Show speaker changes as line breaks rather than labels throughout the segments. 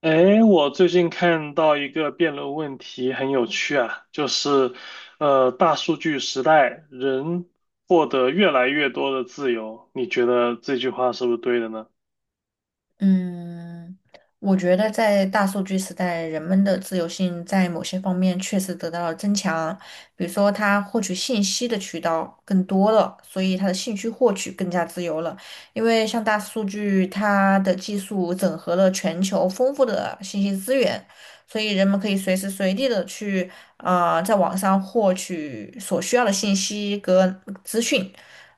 哎，我最近看到一个辩论问题，很有趣啊，就是，大数据时代，人获得越来越多的自由，你觉得这句话是不是对的呢？
嗯，我觉得在大数据时代，人们的自由性在某些方面确实得到了增强，比如说他获取信息的渠道更多了，所以他的兴趣获取更加自由了。因为像大数据，它的技术整合了全球丰富的信息资源，所以人们可以随时随地的去在网上获取所需要的信息和资讯。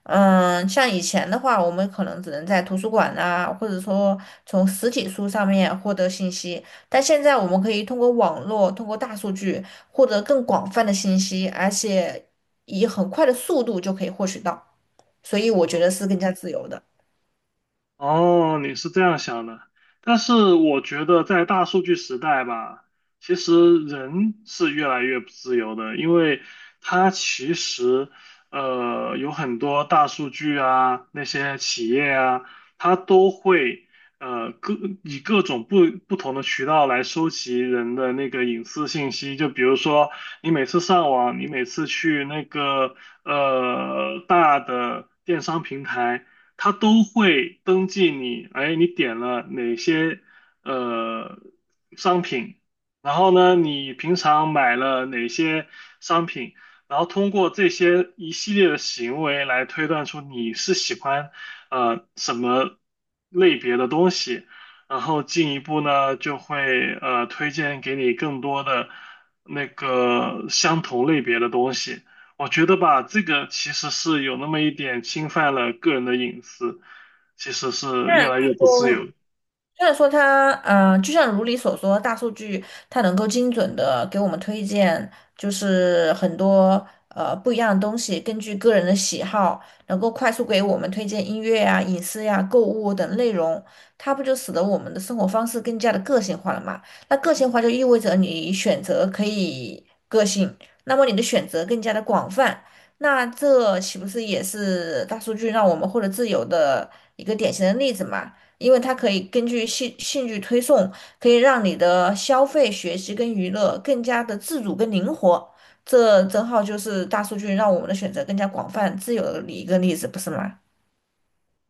嗯，像以前的话，我们可能只能在图书馆啊，或者说从实体书上面获得信息，但现在我们可以通过网络，通过大数据获得更广泛的信息，而且以很快的速度就可以获取到，所以我觉得是更加自由的。
哦，你是这样想的，但是我觉得在大数据时代吧，其实人是越来越不自由的，因为它其实有很多大数据啊，那些企业啊，它都会呃各以各种不同的渠道来收集人的那个隐私信息，就比如说你每次上网，你每次去那个大的电商平台。它都会登记你，哎，你点了哪些呃商品，然后呢，你平常买了哪些商品，然后通过这些一系列的行为来推断出你是喜欢什么类别的东西，然后进一步呢就会推荐给你更多的那个相同类别的东西。我觉得吧，这个其实是有那么一点侵犯了个人的隐私，其实是
虽
越
然
来越不自
说，
由。
虽然说它，就像如你所说，大数据它能够精准的给我们推荐，就是很多不一样的东西，根据个人的喜好，能够快速给我们推荐音乐呀、影视呀、购物等内容，它不就使得我们的生活方式更加的个性化了嘛？那个性化就意味着你选择可以个性，那么你的选择更加的广泛，那这岂不是也是大数据让我们获得自由的一个典型的例子嘛？因为它可以根据兴趣推送，可以让你的消费、学习跟娱乐更加的自主跟灵活。这正好就是大数据让我们的选择更加广泛、自由的一个例子，不是吗？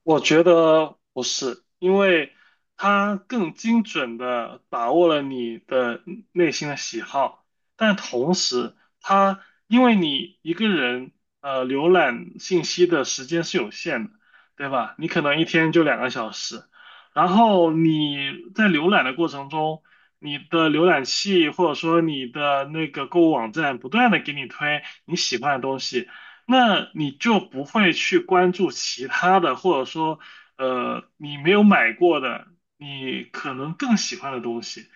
我觉得不是，因为它更精准的把握了你的内心的喜好，但同时，它因为你一个人浏览信息的时间是有限的，对吧？你可能一天就2个小时，然后你在浏览的过程中，你的浏览器或者说你的那个购物网站不断的给你推你喜欢的东西。那你就不会去关注其他的，或者说，你没有买过的，你可能更喜欢的东西，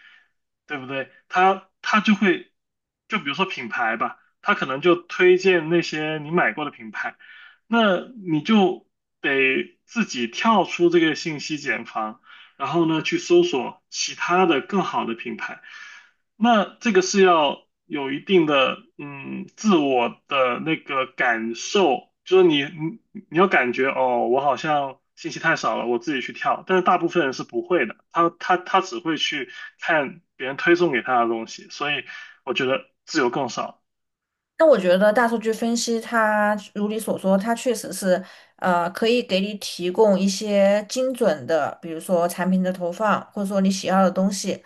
对不对？它就会，就比如说品牌吧，它可能就推荐那些你买过的品牌，那你就得自己跳出这个信息茧房，然后呢，去搜索其他的更好的品牌。那这个是要有一定的嗯自我的那个感受，就是你要感觉哦，我好像信息太少了，我自己去跳。但是大部分人是不会的，他只会去看别人推送给他的东西，所以我觉得自由更少。
那我觉得大数据分析它，如你所说，它确实是，可以给你提供一些精准的，比如说产品的投放，或者说你喜要的东西。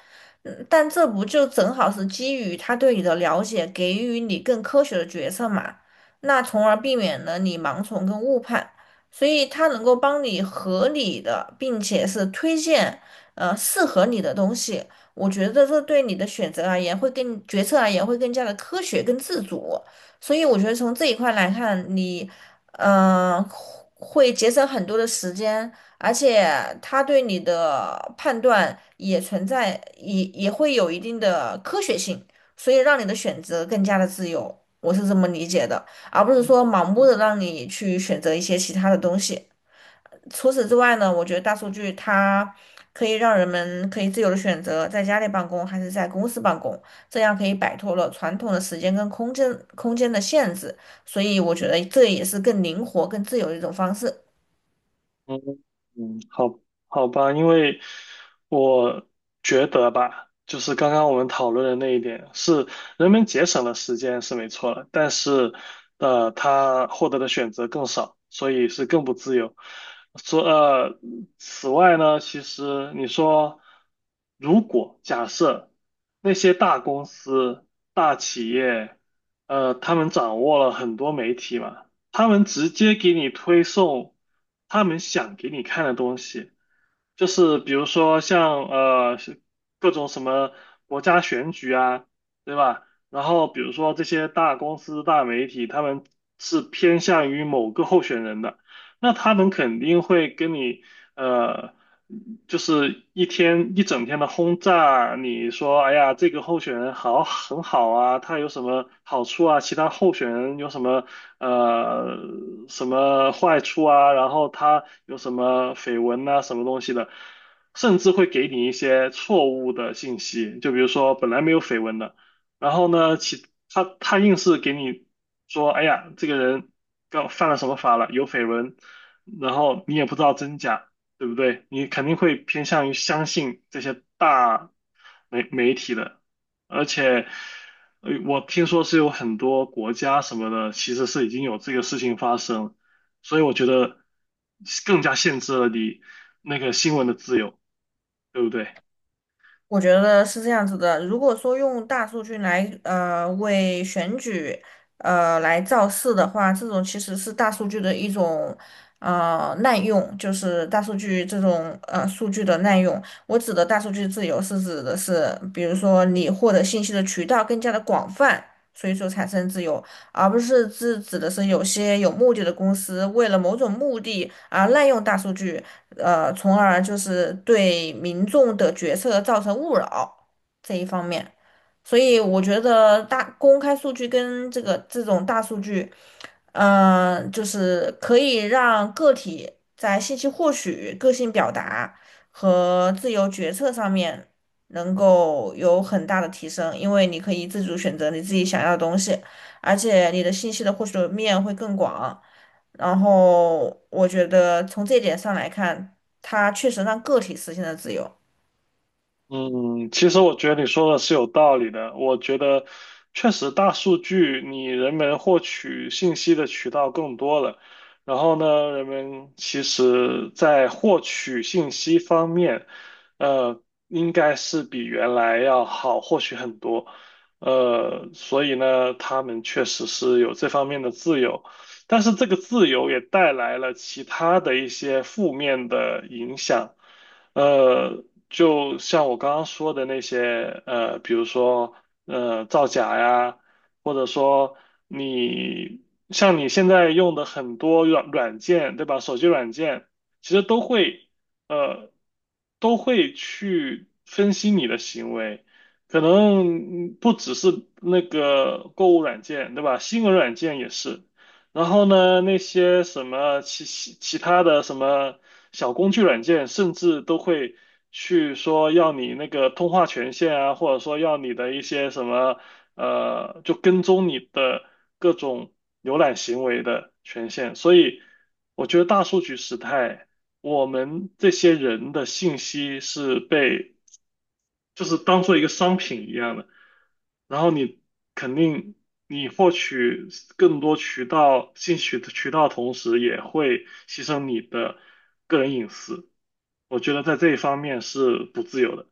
嗯，但这不就正好是基于他对你的了解，给予你更科学的决策嘛？那从而避免了你盲从跟误判。所以它能够帮你合理的，并且是推荐，适合你的东西。我觉得这对你的选择而言，会更决策而言会更加的科学跟自主。所以我觉得从这一块来看，你嗯、呃会节省很多的时间，而且他对你的判断也存在也会有一定的科学性，所以让你的选择更加的自由，我是这么理解的，而不是说盲目的让你去选择一些其他的东西。除此之外呢，我觉得大数据它可以让人们可以自由的选择在家里办公还是在公司办公，这样可以摆脱了传统的时间跟空间的限制，所以我觉得这也是更灵活、更自由的一种方式。
嗯嗯，好好吧，因为我觉得吧，就是刚刚我们讨论的那一点，是人们节省了时间是没错了，但是他获得的选择更少，所以是更不自由。说此外呢，其实你说，如果假设那些大公司、大企业，呃，他们掌握了很多媒体嘛。他们直接给你推送他们想给你看的东西，就是比如说像是各种什么国家选举啊，对吧？然后比如说这些大公司、大媒体，他们是偏向于某个候选人的。那他们肯定会跟你，呃，就是一天一整天的轰炸，你说，哎呀，这个候选人好很好啊，他有什么好处啊？其他候选人有什么呃什么坏处啊？然后他有什么绯闻呐，什么东西的，甚至会给你一些错误的信息，就比如说本来没有绯闻的。然后呢，其他他硬是给你说，哎呀，这个人刚犯了什么法了，有绯闻，然后你也不知道真假，对不对？你肯定会偏向于相信这些大媒体的，而且，我听说是有很多国家什么的，其实是已经有这个事情发生了。所以我觉得更加限制了你那个新闻的自由，对不对？
我觉得是这样子的，如果说用大数据来为选举来造势的话，这种其实是大数据的一种滥用，就是大数据这种数据的滥用。我指的大数据自由是指的是，比如说你获得信息的渠道更加的广泛，所以说产生自由。而不是指的是有些有目的的公司为了某种目的而滥用大数据，从而就是对民众的决策造成误扰这一方面。所以我觉得大公开数据跟这个这种大数据。就是可以让个体在信息获取、个性表达和自由决策上面能够有很大的提升，因为你可以自主选择你自己想要的东西，而且你的信息的获取面会更广。然后我觉得从这一点上来看，它确实让个体实现了自由。
嗯，其实我觉得你说的是有道理的。我觉得确实大数据，你人们获取信息的渠道更多了。然后呢，人们其实在获取信息方面，呃，应该是比原来要好获取很多。呃，所以呢，他们确实是有这方面的自由，但是这个自由也带来了其他的一些负面的影响。呃，就像我刚刚说的那些，呃，比如说，呃，造假呀，或者说你像你现在用的很多软件，对吧？手机软件其实都会，呃，都会去分析你的行为，可能嗯不只是那个购物软件，对吧？新闻软件也是。然后呢，那些什么其他的什么小工具软件，甚至都会去说要你那个通话权限啊，或者说要你的一些什么就跟踪你的各种浏览行为的权限。所以我觉得大数据时代，我们这些人的信息是被就是当做一个商品一样的。然后你肯定你获取更多渠道信息的渠道，同时也会牺牲你的个人隐私。我觉得在这一方面是不自由的。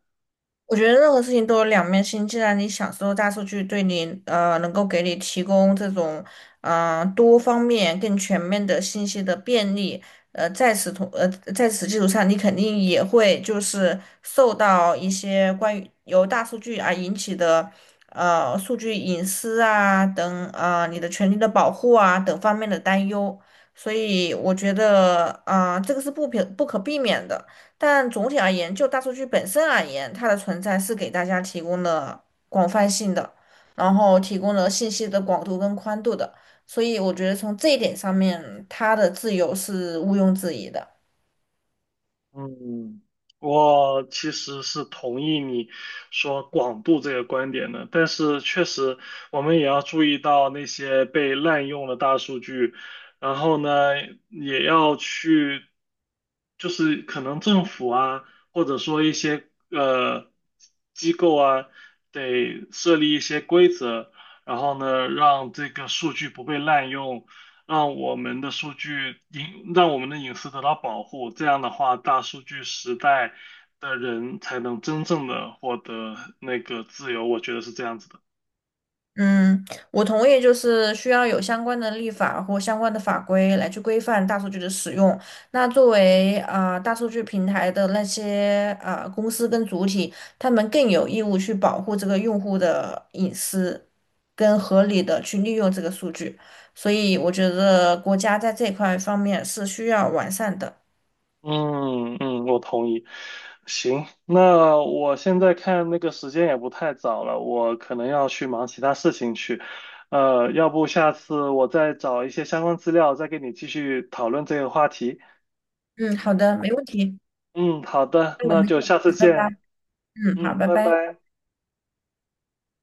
我觉得任何事情都有两面性。既然你享受大数据对你，能够给你提供这种，多方面、更全面的信息的便利，呃，在此同，呃，在此基础上，你肯定也会就是受到一些关于由大数据而引起的，数据隐私啊等，你的权利的保护啊等方面的担忧。所以我觉得，这个是不可避免的。但总体而言，就大数据本身而言，它的存在是给大家提供了广泛性的，然后提供了信息的广度跟宽度的。所以我觉得从这一点上面，它的自由是毋庸置疑的。
嗯，我其实是同意你说广度这个观点的，但是确实我们也要注意到那些被滥用的大数据，然后呢，也要去，就是可能政府啊，或者说一些呃机构啊，得设立一些规则，然后呢，让这个数据不被滥用。让我们的数据隐，让我们的隐私得到保护。这样的话，大数据时代的人才能真正的获得那个自由。我觉得是这样子的。
嗯，我同意，就是需要有相关的立法或相关的法规来去规范大数据的使用。那作为大数据平台的那些公司跟主体，他们更有义务去保护这个用户的隐私。更合理的去利用这个数据。所以我觉得国家在这块方面是需要完善的。
嗯嗯，我同意。行，那我现在看那个时间也不太早了，我可能要去忙其他事情去。呃，要不下次我再找一些相关资料，再跟你继续讨论这个话题。
嗯，好的，没问题。
嗯，好的，那就下次见。
嗯，好，
嗯，
拜
拜
拜。
拜。